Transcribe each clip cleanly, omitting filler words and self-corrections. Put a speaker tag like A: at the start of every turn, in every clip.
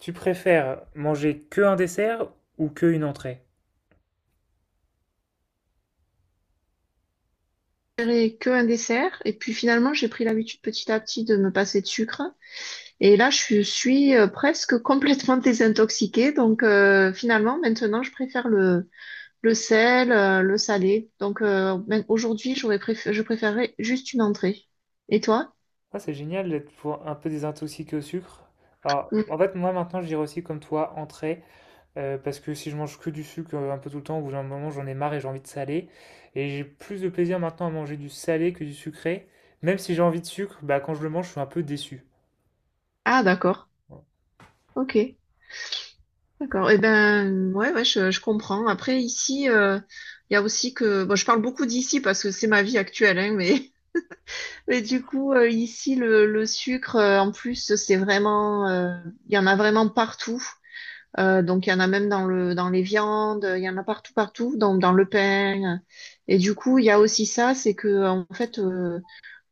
A: Tu préfères manger que un dessert ou que une entrée?
B: Préférais que un dessert. Et puis finalement, j'ai pris l'habitude petit à petit de me passer de sucre. Et là, je suis presque complètement désintoxiquée. Finalement, maintenant, je préfère le sel, le salé. Même aujourd'hui, je préférerais juste une entrée. Et toi?
A: Ah, c'est génial d'être pour un peu désintoxiqué au sucre. Alors,
B: Mm.
A: en fait, moi maintenant, je dirais aussi comme toi, entrée, parce que si je mange que du sucre un peu tout le temps, au bout d'un moment, j'en ai marre et j'ai envie de salé. Et j'ai plus de plaisir maintenant à manger du salé que du sucré. Même si j'ai envie de sucre, bah, quand je le mange, je suis un peu déçu.
B: Ah, d'accord. Ok. D'accord. Eh ben, ouais, ouais, je comprends. Après, ici, il y a aussi que, bon, je parle beaucoup d'ici parce que c'est ma vie actuelle, hein, mais… Et du coup, ici, le sucre, en plus, il y en a vraiment partout. Donc, il y en a même dans dans les viandes, il y en a partout, partout, dans le pain. Et du coup, il y a aussi ça, c'est que, en fait,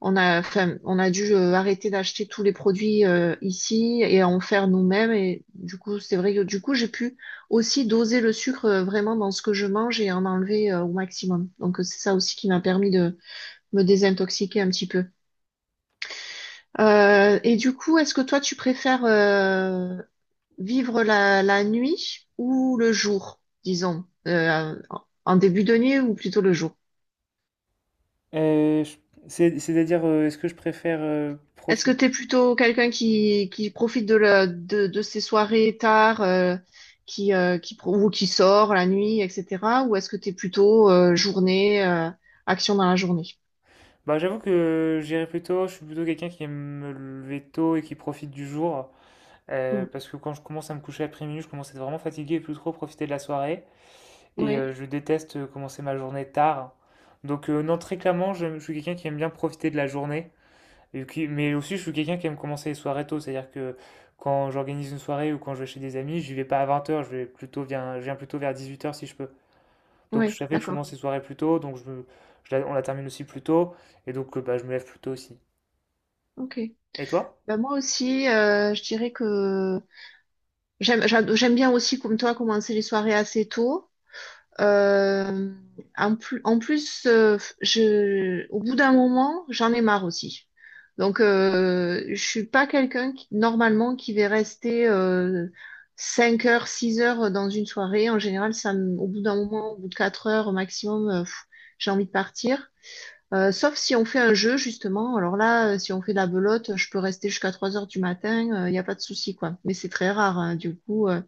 B: on a, enfin, on a dû arrêter d'acheter tous les produits ici et en faire nous-mêmes. Et du coup, c'est vrai que du coup, j'ai pu aussi doser le sucre vraiment dans ce que je mange et en enlever au maximum. Donc, c'est ça aussi qui m'a permis de me désintoxiquer un petit peu. Et du coup, est-ce que toi, tu préfères vivre la nuit ou le jour, disons, en début de nuit ou plutôt le jour?
A: Euh, je- C'est-à-dire, est-ce que je préfère
B: Est-ce que
A: profiter?
B: tu es plutôt quelqu'un qui profite de, de ses soirées tard, ou qui sort la nuit, etc. Ou est-ce que tu es plutôt journée, action dans la journée?
A: Bah, j'avoue que j'irai plutôt, je suis plutôt quelqu'un qui aime me lever tôt et qui profite du jour.
B: Oui,
A: Parce que quand je commence à me coucher après minuit, je commence à être vraiment fatigué et plus trop profiter de la soirée. Et
B: ouais,
A: je déteste commencer ma journée tard. Donc non, très clairement, je suis quelqu'un qui aime bien profiter de la journée. Mais aussi, je suis quelqu'un qui aime commencer les soirées tôt. C'est-à-dire que quand j'organise une soirée ou quand je vais chez des amis, je vais pas à 20 heures. Je vais plutôt, je viens plutôt vers 18 heures si je peux. Donc je
B: ouais,
A: savais que je
B: d'accord.
A: commence les soirées plus tôt, donc je, me- je la- on la termine aussi plus tôt. Et donc bah, je me lève plus tôt aussi.
B: Ok.
A: Et toi?
B: Ben moi aussi, je dirais que… J'aime bien aussi, comme toi, commencer les soirées assez tôt. Euh, en plus au bout d'un moment, j'en ai marre aussi. Donc, je suis pas quelqu'un qui, normalement, qui va rester 5 heures, 6 heures dans une soirée. En général, au bout d'un moment, au bout de 4 heures au maximum, j'ai envie de partir. Sauf si on fait un jeu, justement. Alors là, si on fait de la belote, je peux rester jusqu'à 3 heures du matin, il n'y a pas de souci, quoi. Mais c'est très rare, hein, du coup. euh,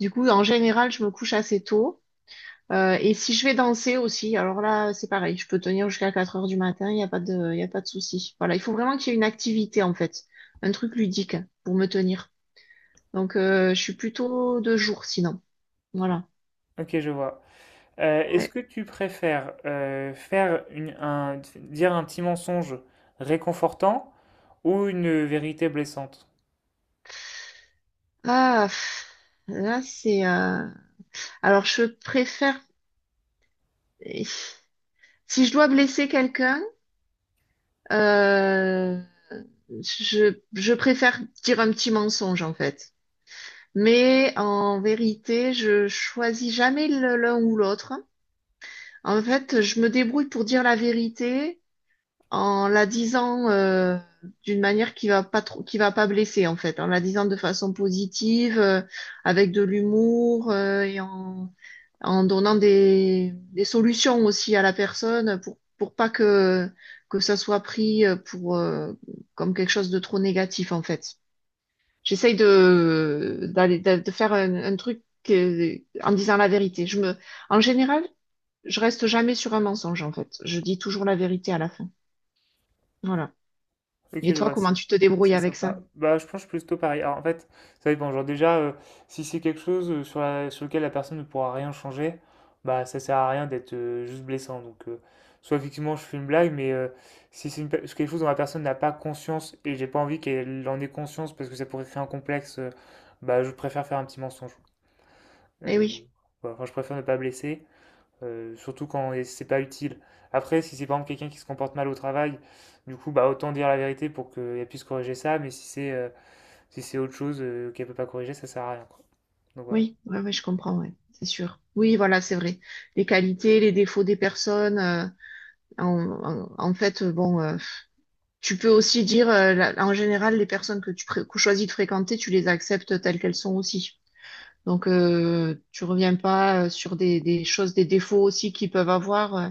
B: du coup, En général, je me couche assez tôt. Et si je vais danser aussi, alors là, c'est pareil, je peux tenir jusqu'à 4 heures du matin, il y a pas de souci. Voilà, il faut vraiment qu'il y ait une activité, en fait, un truc ludique pour me tenir. Donc, je suis plutôt de jour, sinon. Voilà.
A: Ok, je vois. Est-ce
B: Ouais.
A: que tu préfères dire un petit mensonge réconfortant ou une vérité blessante?
B: Ah, pff, Là, alors, je préfère… Si je dois blesser quelqu'un, euh, je préfère dire un petit mensonge, en fait. Mais en vérité, je choisis jamais l'un ou l'autre. En fait, je me débrouille pour dire la vérité en la disant d'une manière qui va pas blesser en fait, en la disant de façon positive, avec de l'humour en donnant des solutions aussi à la personne pour pas que ça soit pris pour comme quelque chose de trop négatif en fait. J'essaye de faire un truc euh, en disant la vérité. En général, je reste jamais sur un mensonge, en fait. Je dis toujours la vérité à la fin. Voilà.
A: Ok,
B: Et
A: je
B: toi,
A: vois
B: comment
A: ça.
B: tu te débrouilles
A: C'est
B: avec ça?
A: sympa. Bah, je pense plutôt pareil. Alors, en fait, ça dépend. Genre, déjà, si c'est quelque chose sur lequel la personne ne pourra rien changer, bah, ça sert à rien d'être juste blessant. Donc, soit effectivement, je fais une blague, mais si c'est une pe- si quelque chose dont la personne n'a pas conscience et j'ai pas envie qu'elle en ait conscience parce que ça pourrait créer un complexe, bah, je préfère faire un petit mensonge.
B: Eh
A: Euh,
B: oui.
A: voilà. Enfin, je préfère ne pas blesser, surtout quand et c'est pas utile. Après, si c'est par exemple quelqu'un qui se comporte mal au travail, du coup, bah autant dire la vérité pour qu'elle puisse corriger ça, mais si c'est si c'est autre chose qu'elle peut pas corriger, ça sert à rien, quoi. Donc voilà.
B: Oui, ouais, ouais, je comprends, ouais, c'est sûr. Oui, voilà, c'est vrai. Les qualités, les défauts des personnes. En, En fait, bon, tu peux aussi dire, en général, les personnes que choisis de fréquenter, tu les acceptes telles qu'elles sont aussi. Donc, tu reviens pas sur des choses, des défauts aussi qu'ils peuvent avoir. euh,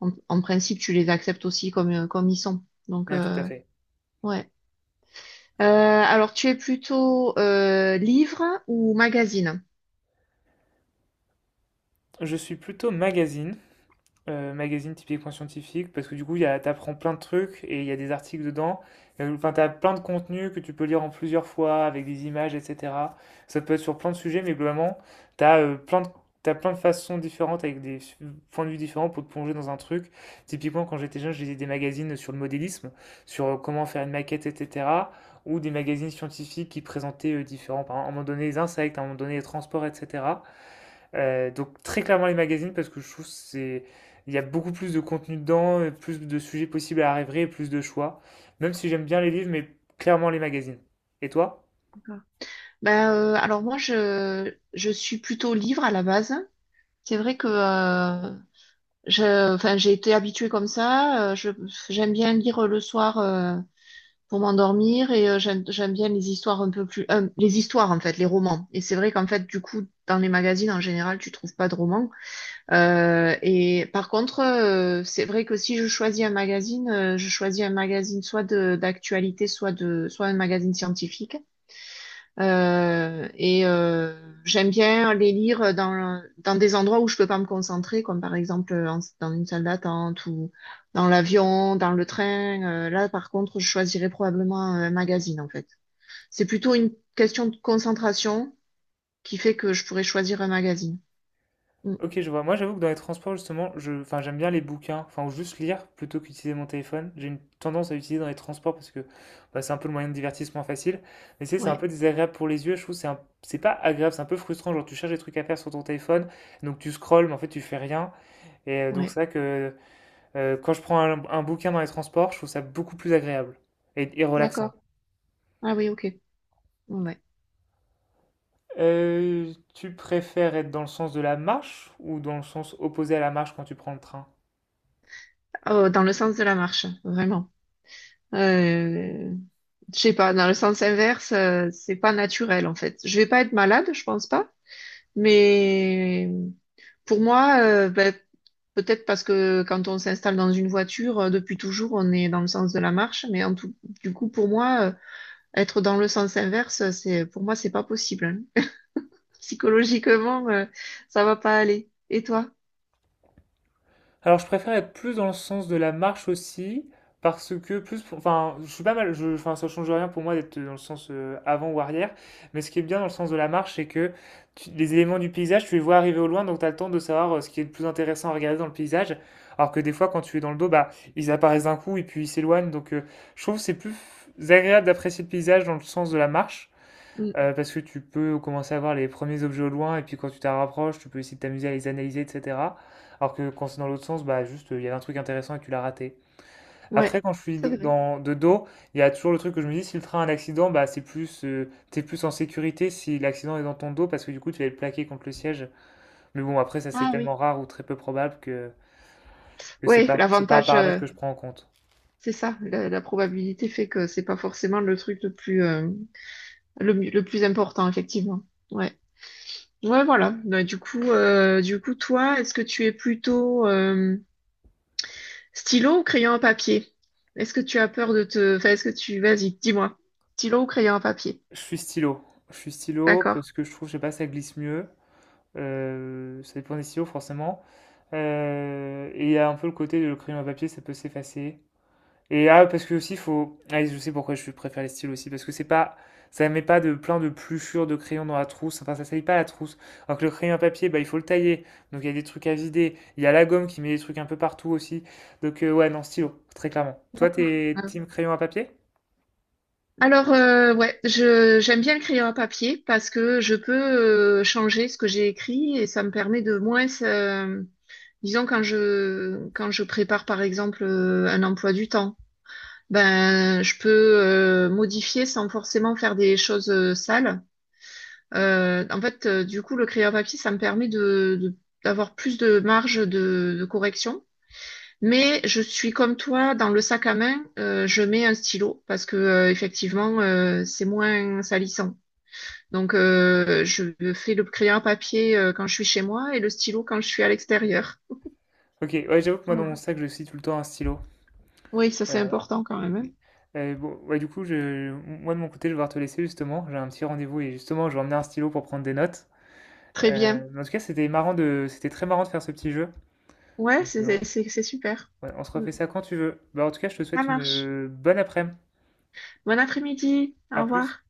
B: en, En principe, tu les acceptes aussi comme, comme ils sont. Donc,
A: Ouais, tout à fait.
B: ouais. Alors, tu es plutôt livre ou magazine?
A: Je suis plutôt magazine. Magazine typiquement scientifique parce que t'apprends plein de trucs et il y a des articles dedans. Enfin, t'as plein de contenus que tu peux lire en plusieurs fois avec des images, etc. Ça peut être sur plein de sujets, mais globalement, t'as euh, plein de, t'as plein de façons différentes avec points de vue différents pour te plonger dans un truc. Typiquement, quand j'étais jeune, je lisais des magazines sur le modélisme, sur comment faire une maquette, etc. Ou des magazines scientifiques qui présentaient différents, par exemple, à un moment donné les insectes, à un moment donné les transports, etc. Donc très clairement les magazines parce que je trouve que c'est il y a beaucoup plus de contenu dedans, et plus de sujets possibles à rêver, et plus de choix. Même si j'aime bien les livres, mais clairement les magazines. Et toi?
B: Ben, alors moi, je suis plutôt livre à la base. C'est vrai que enfin, j'ai été habituée comme ça. J'aime bien lire le soir pour m'endormir et j'aime bien les histoires un peu plus… en fait, les romans. Et c'est vrai qu'en fait, du coup, dans les magazines, en général, tu trouves pas de romans. Et par contre, c'est vrai que si je choisis un magazine, je choisis un magazine d'actualité, soit un magazine scientifique. Euh, et euh, J'aime bien les lire dans des endroits où je peux pas me concentrer, comme par exemple dans une salle d'attente ou dans l'avion, dans le train. Là, par contre, je choisirais probablement un magazine, en fait. C'est plutôt une question de concentration qui fait que je pourrais choisir un magazine. Mm.
A: Ok, je vois. Moi, j'avoue que dans les transports, justement, enfin, j'aime bien les bouquins, enfin, ou juste lire plutôt qu'utiliser mon téléphone. J'ai une tendance à utiliser dans les transports parce que bah, c'est un peu le moyen de divertissement facile. Mais tu sais, c'est un
B: Ouais,
A: peu désagréable pour les yeux. Je trouve que c'est pas agréable, c'est un peu frustrant. Genre, tu cherches des trucs à faire sur ton téléphone, donc tu scrolles, mais en fait, tu fais rien. Et donc,
B: ouais.
A: c'est vrai que quand je prends un bouquin dans les transports, je trouve ça beaucoup plus agréable et relaxant.
B: D'accord. Ah oui, ok. Ouais. Ouais.
A: Tu préfères être dans le sens de la marche ou dans le sens opposé à la marche quand tu prends le train?
B: Oh, dans le sens de la marche, vraiment. Euh… Je sais pas, dans le sens inverse, c'est pas naturel en fait. Je vais pas être malade, je pense pas, mais pour moi, peut-être parce que quand on s'installe dans une voiture, depuis toujours, on est dans le sens de la marche. Mais en tout, du coup, pour moi, être dans le sens inverse, pour moi, c'est pas possible. Hein. Psychologiquement, ça va pas aller. Et toi?
A: Alors, je préfère être plus dans le sens de la marche aussi, parce que enfin, je suis pas mal, je, enfin, ça change rien pour moi d'être dans le sens avant ou arrière, mais ce qui est bien dans le sens de la marche, c'est que les éléments du paysage, tu les vois arriver au loin, donc tu as le temps de savoir ce qui est le plus intéressant à regarder dans le paysage, alors que des fois, quand tu es dans le dos, bah, ils apparaissent d'un coup et puis ils s'éloignent, donc je trouve que c'est plus agréable d'apprécier le paysage dans le sens de la marche.
B: Mm.
A: Parce que tu peux commencer à voir les premiers objets au loin, et puis quand tu t'en rapproches, tu peux essayer de t'amuser à les analyser, etc. Alors que quand c'est dans l'autre sens, bah juste, il y avait un truc intéressant et tu l'as raté. Après,
B: Ouais,
A: quand je suis
B: c'est
A: de-
B: vrai.
A: dans, de dos, il y a toujours le truc que je me dis, si le train a un accident, t'es plus en sécurité si l'accident est dans ton dos, parce que du coup, tu vas être plaqué contre le siège. Mais bon, après, ça c'est
B: Ah oui.
A: tellement rare ou très peu probable que,
B: Ouais,
A: c'est pas un
B: l'avantage,
A: paramètre que je prends en compte.
B: c'est ça. La probabilité fait que c'est pas forcément le truc le plus, le plus important, effectivement. Ouais. Ouais, voilà. Bah, du coup, toi, est-ce que tu es plutôt stylo ou crayon à papier? Est-ce que tu as peur de te… Enfin, est-ce que tu… Vas-y, dis-moi. Stylo ou crayon à papier?
A: Je suis stylo. Je suis stylo
B: D'accord.
A: parce que je trouve, je sais pas, ça glisse mieux. Ça dépend des stylos, forcément. Et il y a un peu le côté de le crayon à papier, ça peut s'effacer. Et ah, parce que aussi, faut. Ah, je sais pourquoi je préfère les styles aussi, parce que c'est pas. Ça met pas de plein de pluchures de crayon dans la trousse, enfin ça salit pas la trousse. Alors que le crayon à papier, bah, il faut le tailler, donc il y a des trucs à vider. Il y a la gomme qui met des trucs un peu partout aussi. Donc ouais, non, stylo, très clairement. Toi,
B: D'accord.
A: t'es
B: Ah.
A: team crayon à papier?
B: Alors, ouais, j'aime bien le crayon à papier parce que je peux changer ce que j'ai écrit et ça me permet de moins… disons, quand je prépare, par exemple, un emploi du temps, ben, je peux modifier sans forcément faire des choses sales. Du coup, le crayon papier, ça me permet d'avoir plus de marge de correction. Mais je suis comme toi, dans le sac à main, je mets un stylo parce que effectivement, c'est moins salissant. Donc, je fais le crayon à papier quand je suis chez moi et le stylo quand je suis à l'extérieur.
A: Ok, ouais, j'avoue que moi dans mon
B: Voilà.
A: sac, je suis tout le temps un stylo.
B: Oui, ça c'est
A: Euh,
B: important quand même. Hein.
A: oui. Bon, ouais, du coup, moi de mon côté, je vais devoir te laisser justement. J'ai un petit rendez-vous et justement, je vais emmener un stylo pour prendre des notes.
B: Très bien.
A: Mais en tout cas, c'était très marrant de faire ce petit jeu.
B: Ouais,
A: Donc,
B: c'est super.
A: ouais, on se
B: Mm.
A: refait ça quand tu veux. Bah, en tout cas, je te
B: Ça
A: souhaite une
B: marche.
A: bonne après-midi.
B: Bon après-midi. Au
A: À plus.
B: revoir.